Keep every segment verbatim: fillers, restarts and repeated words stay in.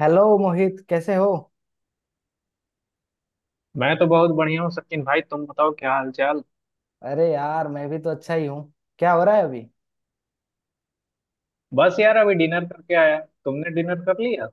Hello, Mohit. कैसे हो? मैं तो बहुत बढ़िया हूँ सचिन भाई। तुम बताओ क्या हाल चाल। अरे यार, मैं भी तो अच्छा ही हूँ। क्या हो रहा है अभी? बस यार अभी डिनर करके आया। तुमने डिनर कर लिया?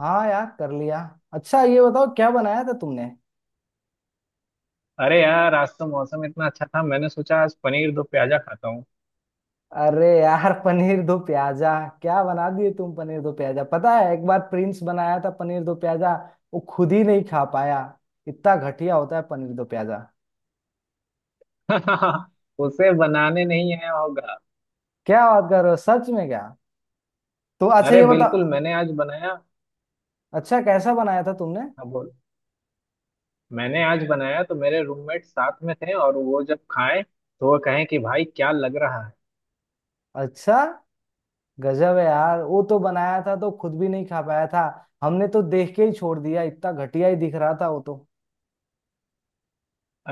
हाँ यार, कर लिया। अच्छा, ये बताओ क्या बनाया था तुमने? अरे यार आज तो मौसम इतना अच्छा था, मैंने सोचा आज पनीर दो प्याजा खाता हूँ। अरे यार! पनीर दो प्याजा। क्या बना दिए तुम? पनीर दो प्याजा, पता है एक बार प्रिंस बनाया था पनीर दो प्याजा। वो खुद ही नहीं खा पाया। इतना घटिया होता है पनीर दो प्याजा। उसे बनाने नहीं आया होगा। क्या बात कर रहे हो, सच में क्या? तो अच्छा, अरे ये बिल्कुल, बताओ। मैंने आज बनाया। अच्छा, कैसा बनाया था तुमने? हाँ बोल। मैंने आज बनाया तो मेरे रूममेट साथ में थे, और वो जब खाएं तो वो कहें कि भाई क्या लग रहा है। अच्छा। गजब है यार, वो तो बनाया था तो खुद भी नहीं खा पाया था। हमने तो देख के ही छोड़ दिया, इतना घटिया ही दिख रहा था वो तो।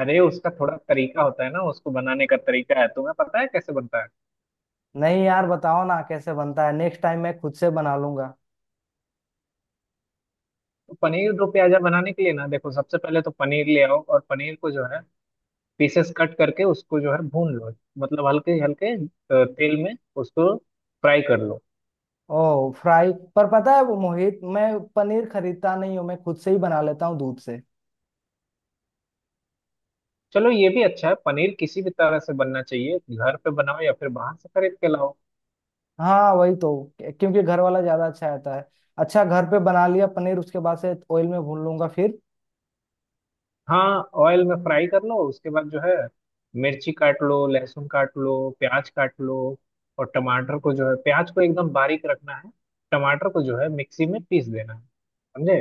अरे उसका थोड़ा तरीका होता है ना, उसको बनाने का तरीका है। तुम्हें पता है कैसे बनता है? नहीं यार, बताओ ना कैसे बनता है। नेक्स्ट टाइम मैं खुद से बना लूंगा। तो पनीर दो प्याजा बनाने के लिए ना देखो, सबसे पहले तो पनीर ले आओ और पनीर को जो है पीसेस कट करके उसको जो है भून लो। मतलब हल्के हल्के अ, तेल में उसको फ्राई कर लो। ओह, फ्राई। पर पता है वो, मोहित, मैं पनीर खरीदता नहीं हूँ। मैं खुद से ही बना लेता हूँ दूध से। चलो ये भी अच्छा है, पनीर किसी भी तरह से बनना चाहिए, घर पे बनाओ या फिर बाहर से खरीद के लाओ। हाँ, वही तो। क्योंकि घर वाला ज्यादा अच्छा रहता है। अच्छा, घर पे बना लिया पनीर। उसके बाद से ऑयल में भून लूंगा फिर। हाँ, ऑयल में फ्राई कर लो। उसके बाद जो है मिर्ची काट लो, लहसुन काट लो, प्याज काट लो। और टमाटर को जो है, प्याज को एकदम बारीक रखना है। टमाटर को जो है मिक्सी में पीस देना है। समझे?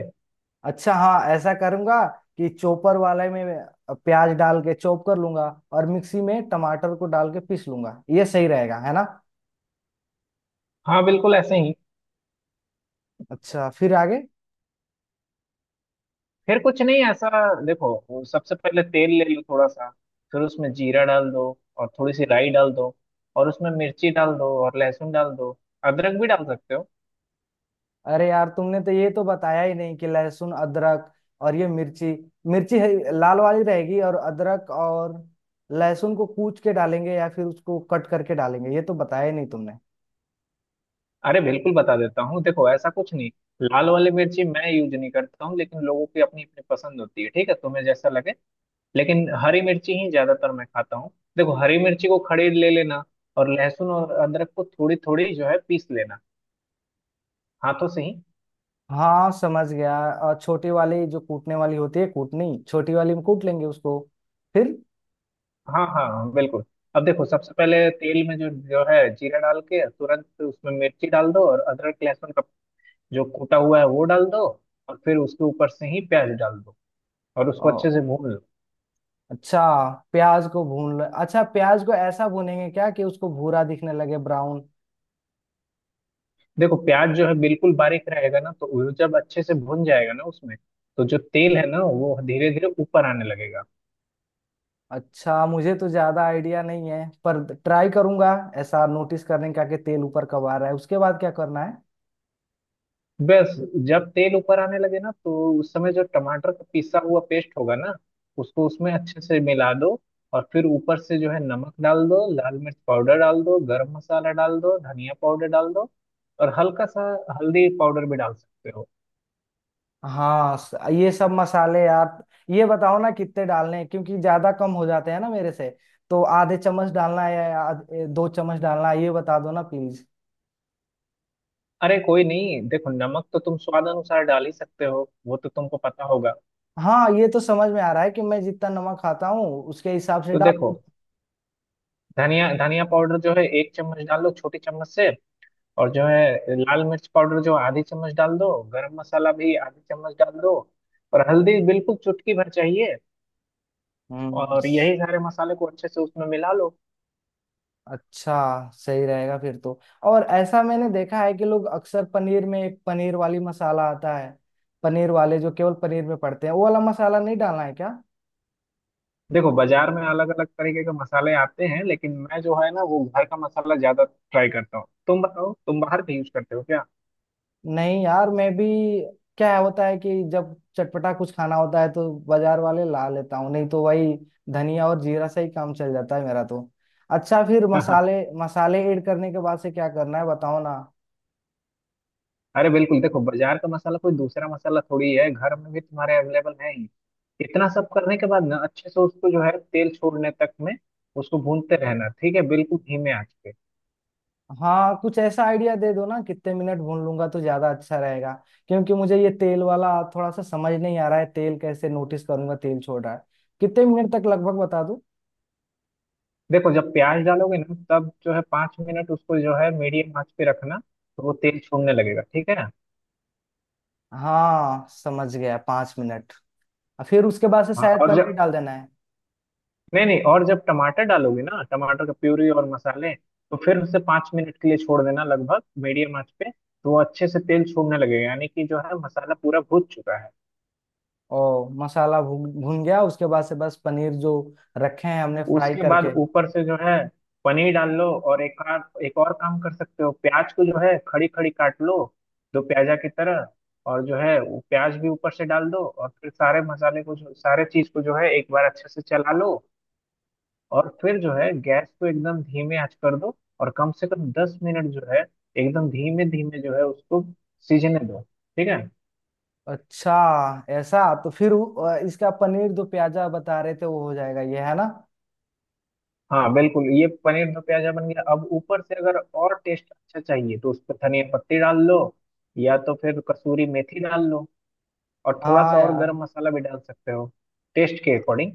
अच्छा हाँ, ऐसा करूंगा। कि चॉपर वाले में प्याज डाल के चॉप कर लूंगा। और मिक्सी में टमाटर को डाल के पीस लूंगा। ये सही रहेगा, है ना? हाँ बिल्कुल ऐसे ही। अच्छा, फिर आगे? फिर कुछ नहीं ऐसा, देखो वो सबसे पहले तेल ले लो थोड़ा सा। फिर उसमें जीरा डाल दो, और थोड़ी सी राई डाल दो, और उसमें मिर्ची डाल दो और लहसुन डाल दो। अदरक भी डाल सकते हो। अरे यार, तुमने तो ये तो बताया ही नहीं कि लहसुन अदरक और ये मिर्ची, मिर्ची है, लाल वाली रहेगी। और अदरक और लहसुन को कूच के डालेंगे या फिर उसको कट करके डालेंगे, ये तो बताया ही नहीं तुमने। अरे बिल्कुल बता देता हूँ, देखो ऐसा कुछ नहीं। लाल वाली मिर्ची मैं यूज नहीं करता हूँ, लेकिन लोगों की अपनी अपनी पसंद होती है, ठीक है तुम्हें जैसा लगे। लेकिन हरी मिर्ची ही ज्यादातर मैं खाता हूँ। देखो, हरी मिर्ची को खड़े ले लेना, और लहसुन और अदरक को थोड़ी थोड़ी जो है पीस लेना, हाथों से ही। हाँ, समझ गया। और छोटी वाली जो कूटने वाली होती है कूटनी, छोटी वाली में कूट लेंगे उसको। फिर? हाँ हाँ हाँ, बिल्कुल। अब देखो, सबसे पहले तेल में जो जो है जीरा डाल के तुरंत उसमें मिर्ची डाल दो, और अदरक लहसुन का जो कूटा हुआ है वो डाल दो। और फिर उसके ऊपर से ही प्याज डाल दो और उसको अच्छे से भून लो। अच्छा। प्याज को भून लो अच्छा। प्याज को ऐसा भूनेंगे क्या कि उसको भूरा दिखने लगे, ब्राउन? देखो प्याज जो है बिल्कुल बारीक रहेगा ना, तो वो जब अच्छे से भून जाएगा ना उसमें, तो जो तेल है ना वो धीरे धीरे ऊपर आने लगेगा। अच्छा, मुझे तो ज्यादा आइडिया नहीं है, पर ट्राई करूंगा। ऐसा नोटिस करने का कि तेल ऊपर कब आ रहा है, उसके बाद क्या करना है? बस, जब तेल ऊपर आने लगे ना तो उस समय जो टमाटर का पिसा हुआ पेस्ट होगा ना, उसको उसमें अच्छे से मिला दो। और फिर ऊपर से जो है नमक डाल दो, लाल मिर्च पाउडर डाल दो, गरम मसाला डाल दो, धनिया पाउडर डाल दो, और हल्का सा हल्दी पाउडर भी डाल सकते हो। हाँ, स- ये सब मसाले यार। ये बताओ ना कितने डालने हैं, क्योंकि ज्यादा कम हो जाते हैं ना मेरे से। तो आधे चम्मच डालना है या आध- ए, दो चम्मच डालना है, ये बता दो ना प्लीज। अरे कोई नहीं, देखो नमक तो तुम स्वाद अनुसार डाल ही सकते हो, वो तो तुमको पता होगा। हाँ, ये तो समझ में आ रहा है कि मैं जितना नमक खाता हूँ उसके हिसाब से तो डाल देखो, दूंगा। धनिया धनिया पाउडर जो है एक चम्मच डालो छोटी चम्मच से। और जो है लाल मिर्च पाउडर जो आधी चम्मच डाल दो। गरम मसाला भी आधी चम्मच डाल दो। और हल्दी बिल्कुल चुटकी भर चाहिए। हम्म। और यही सारे मसाले को अच्छे से उसमें मिला लो। अच्छा। सही रहेगा फिर तो। और ऐसा मैंने देखा है कि लोग अक्सर पनीर में एक पनीर वाली मसाला आता है। पनीर वाले जो केवल पनीर में पड़ते हैं, वो वाला मसाला नहीं डालना है क्या? देखो बाजार में अलग अलग तरीके के मसाले आते हैं, लेकिन मैं जो है ना वो घर का मसाला ज्यादा ट्राई करता हूँ। तुम बताओ तुम बाहर का यूज करते हो क्या? नहीं यार, मैं भी। क्या होता है कि जब चटपटा कुछ खाना होता है तो बाजार वाले ला लेता हूँ, नहीं तो वही धनिया और जीरा से ही काम चल जाता है मेरा तो। अच्छा, फिर मसाले मसाले ऐड करने के बाद से क्या करना है, बताओ ना। अरे बिल्कुल, देखो बाजार का मसाला कोई दूसरा मसाला थोड़ी है, घर में भी तुम्हारे अवेलेबल है ही। इतना सब करने के बाद ना अच्छे से उसको जो है तेल छोड़ने तक में उसको भूनते रहना, ठीक है, बिल्कुल धीमे आंच पे। हाँ, कुछ ऐसा आइडिया दे दो ना कितने मिनट भून लूंगा तो ज्यादा अच्छा रहेगा। क्योंकि मुझे ये तेल वाला थोड़ा सा समझ नहीं आ रहा है, तेल कैसे नोटिस करूंगा तेल छोड़ रहा है। कितने मिनट तक लगभग बता दो। देखो, जब प्याज डालोगे ना तब जो है पाँच मिनट उसको जो है मीडियम आंच पे रखना, तो वो तेल छोड़ने लगेगा, ठीक है। हाँ समझ गया, पाँच मिनट। और फिर उसके बाद से हाँ, शायद और पनीर जब, डाल देना है। नहीं नहीं, और जब टमाटर डालोगे ना, टमाटर का प्यूरी और मसाले, तो फिर उसे पाँच मिनट के लिए छोड़ देना लगभग मीडियम आंच पे, तो वो अच्छे से तेल छोड़ने लगेगा, यानी कि जो है मसाला पूरा भून चुका है। ओ, मसाला भून भून गया, उसके बाद से बस पनीर जो रखे हैं हमने फ्राई उसके बाद करके। ऊपर से जो है पनीर डाल लो। और एक आध एक और काम कर सकते हो, प्याज को जो है खड़ी खड़ी काट लो दो प्याजा की तरह, और जो है वो प्याज भी ऊपर से डाल दो। और फिर सारे मसाले को, जो सारे चीज को जो है, एक बार अच्छे से चला लो। और फिर जो है गैस को एकदम धीमे आंच कर दो, और कम से कम दस मिनट जो है एकदम धीमे धीमे जो है उसको सीजने दो, ठीक है। अच्छा। ऐसा। तो फिर वो- इसका पनीर जो प्याजा बता रहे थे वो हो जाएगा, ये है ना? हाँ बिल्कुल, ये पनीर दो प्याजा बन गया। अब ऊपर से अगर और टेस्ट अच्छा चाहिए तो उस पर धनिया पत्ती डाल लो, या तो फिर कसूरी मेथी डाल लो, और थोड़ा हाँ सा और यार। गरम मसाला भी डाल सकते हो टेस्ट के अकॉर्डिंग।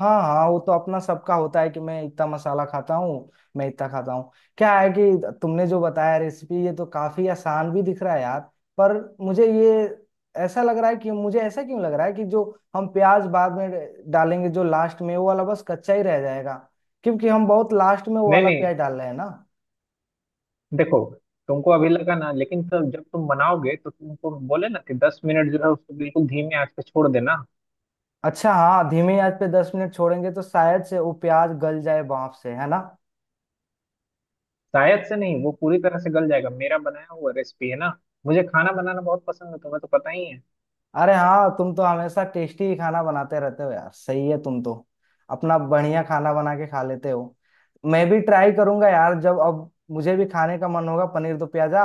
हाँ, हाँ, वो तो अपना सबका होता है कि मैं इतना मसाला खाता हूँ। मैं इतना खाता हूँ। क्या है कि तुमने जो बताया रेसिपी ये तो काफी आसान भी दिख रहा है यार। पर मुझे ये ऐसा लग रहा है कि मुझे, ऐसा क्यों लग रहा है कि जो हम प्याज बाद में डालेंगे जो लास्ट में, वो वाला बस कच्चा ही रह जाएगा। क्योंकि हम बहुत लास्ट में वो नहीं वाला नहीं, प्याज डाल रहे हैं ना। देखो तुमको अभी लगा ना, लेकिन तब जब तुम बनाओगे तो तुमको बोले ना कि दस मिनट जो है उसको बिल्कुल धीमे आंच पे छोड़ देना। अच्छा हाँ, धीमी आंच पे दस मिनट छोड़ेंगे तो शायद से वो प्याज गल जाए भाप से, है ना? शायद से नहीं, वो पूरी तरह से गल जाएगा, मेरा बनाया हुआ रेसिपी है ना। मुझे खाना बनाना बहुत पसंद है, तुम्हें तो पता ही है। अरे हाँ, तुम तो हमेशा टेस्टी ही खाना बनाते रहते हो यार, सही है तुम तो। अपना बढ़िया खाना बना के खा लेते हो। मैं भी ट्राई करूंगा यार, जब अब मुझे भी खाने का मन होगा पनीर दो प्याजा।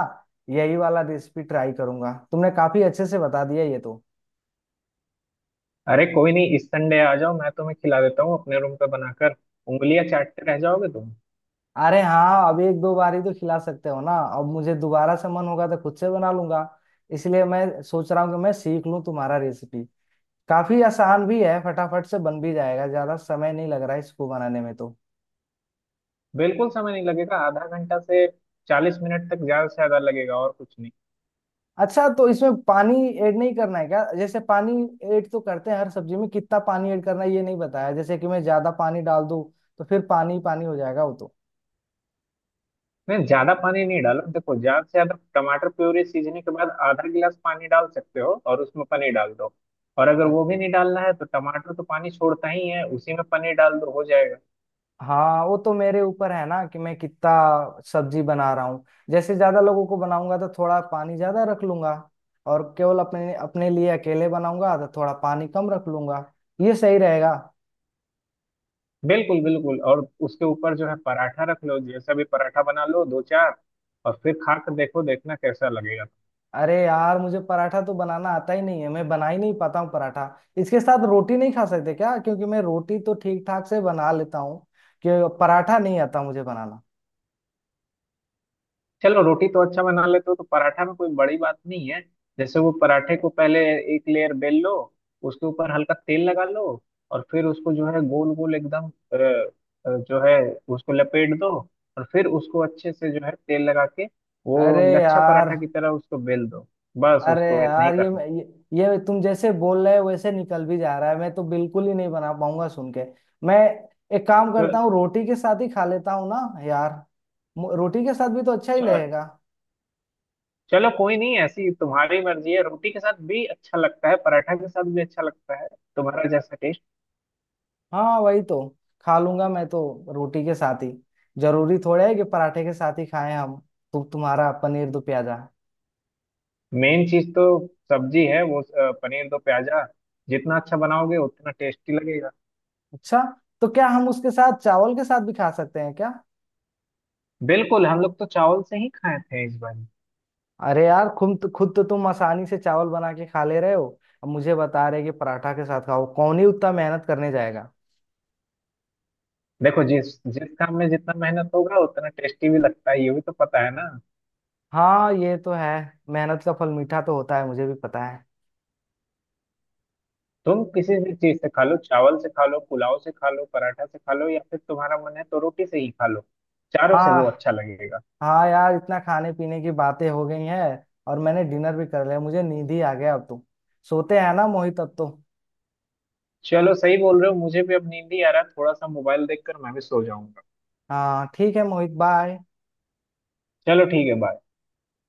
यही वाला रेसिपी ट्राई करूंगा, तुमने काफी अच्छे से बता दिया ये तो। अरे कोई नहीं, इस संडे आ जाओ, मैं तुम्हें खिला देता हूँ अपने रूम पे बनाकर। उंगलियां चाटते रह जाओगे तुम। अरे हाँ, अब एक दो बार ही तो खिला सकते हो ना, अब मुझे दोबारा से मन होगा तो खुद से बना लूंगा। इसलिए मैं सोच रहा हूँ कि मैं सीख लूँ तुम्हारा रेसिपी। काफी आसान भी है, फटाफट से बन भी जाएगा, ज्यादा समय नहीं लग रहा है इसको बनाने में तो। बिल्कुल समय नहीं लगेगा, आधा घंटा से चालीस मिनट तक ज्यादा से ज्यादा लगेगा और कुछ नहीं। अच्छा, तो इसमें पानी ऐड नहीं करना है क्या? जैसे पानी ऐड तो करते हैं हर सब्जी में। कितना पानी ऐड करना है ये नहीं बताया। जैसे कि मैं ज्यादा पानी डाल दूं तो फिर पानी पानी हो जाएगा वो तो। नहीं, ज्यादा पानी नहीं डालो, देखो ज्यादा से ज्यादा टमाटर प्यूरी सीजने के बाद आधा गिलास पानी डाल सकते हो और उसमें पनीर डाल दो। और अगर अ- वो भी नहीं डालना है तो टमाटर तो पानी छोड़ता ही है, उसी में पनीर डाल दो, हो जाएगा। हाँ, वो तो मेरे ऊपर है ना कि मैं कितना सब्जी बना रहा हूँ। जैसे ज्यादा लोगों को बनाऊंगा तो थोड़ा पानी ज्यादा रख लूंगा। और केवल अपने अपने लिए अकेले बनाऊंगा तो थोड़ा पानी कम रख लूंगा। ये सही रहेगा। बिल्कुल बिल्कुल। और उसके ऊपर जो है पराठा रख लो, जैसा भी पराठा बना लो दो चार, और फिर खा कर देखो, देखना कैसा लगेगा। अरे यार, मुझे पराठा तो बनाना आता ही नहीं है, मैं बना ही नहीं पाता हूँ पराठा। इसके साथ रोटी नहीं खा सकते क्या? क्योंकि मैं रोटी तो ठीक ठाक से बना लेता हूँ। कि पराठा नहीं आता मुझे बनाना। चलो, रोटी तो अच्छा बना लेते हो तो पराठा में कोई बड़ी बात नहीं है। जैसे वो पराठे को पहले एक लेयर बेल लो, उसके ऊपर हल्का तेल लगा लो, और फिर उसको जो है गोल गोल एकदम अ, अ, जो है उसको लपेट दो। और फिर उसको अच्छे से जो है तेल लगा के वो अरे लच्छा यार। पराठा की तरह उसको बेल दो। बस अरे उसको इतना ही यार ये, करना। ये, ये तुम जैसे बोल रहे हो वैसे निकल भी जा रहा है, मैं तो बिल्कुल ही नहीं बना पाऊंगा सुन के। मैं एक काम करता हूँ, च- रोटी के साथ ही खा लेता हूँ ना। यार, मु- रोटी के साथ भी तो अच्छा ही च- लगेगा। चलो कोई नहीं, ऐसी तुम्हारी मर्जी है, रोटी के साथ भी अच्छा लगता है, पराठा के साथ भी अच्छा लगता है, तुम्हारा जैसा। हाँ वही तो। खा लूंगा मैं तो रोटी के साथ ही। जरूरी थोड़ा है कि पराठे के साथ ही खाएं हम। तो तुम्हारा पनीर दो प्याजा। मेन चीज तो सब्जी है, वो अ, पनीर दो प्याजा। जितना अच्छा बनाओगे उतना टेस्टी लगेगा। अच्छा, तो क्या हम उसके साथ चावल के साथ भी खा सकते हैं क्या? बिल्कुल, हम लोग तो चावल से ही खाए थे इस बार। अरे यार, खुद खुद तो तुम आसानी से चावल बना के खा ले रहे हो। अब मुझे बता रहे कि पराठा के साथ खाओ, कौन ही उतना मेहनत करने जाएगा। देखो, जिस जिस काम में जितना मेहनत होगा उतना टेस्टी भी लगता है, ये भी तो पता है ना। हाँ, ये तो है। मेहनत का फल मीठा तो होता है, मुझे भी पता है। तुम किसी भी चीज से खा लो, चावल से खा लो, पुलाव से खा लो, पराठा से खा लो, या फिर तुम्हारा मन है तो रोटी से ही खा लो। चारों से हाँ। वो अच्छा लगेगा। हाँ यार, इतना खाने पीने की बातें हो गई हैं। और मैंने डिनर भी कर लिया, मुझे नींद ही आ गया अब तो। सोते हैं ना मोहित, अब तो। चलो सही बोल रहे हो, मुझे भी अब नींद ही आ रहा है, थोड़ा सा मोबाइल देखकर मैं भी सो जाऊंगा। हाँ ठीक है मोहित, बाय। चलो ठीक है, बाय।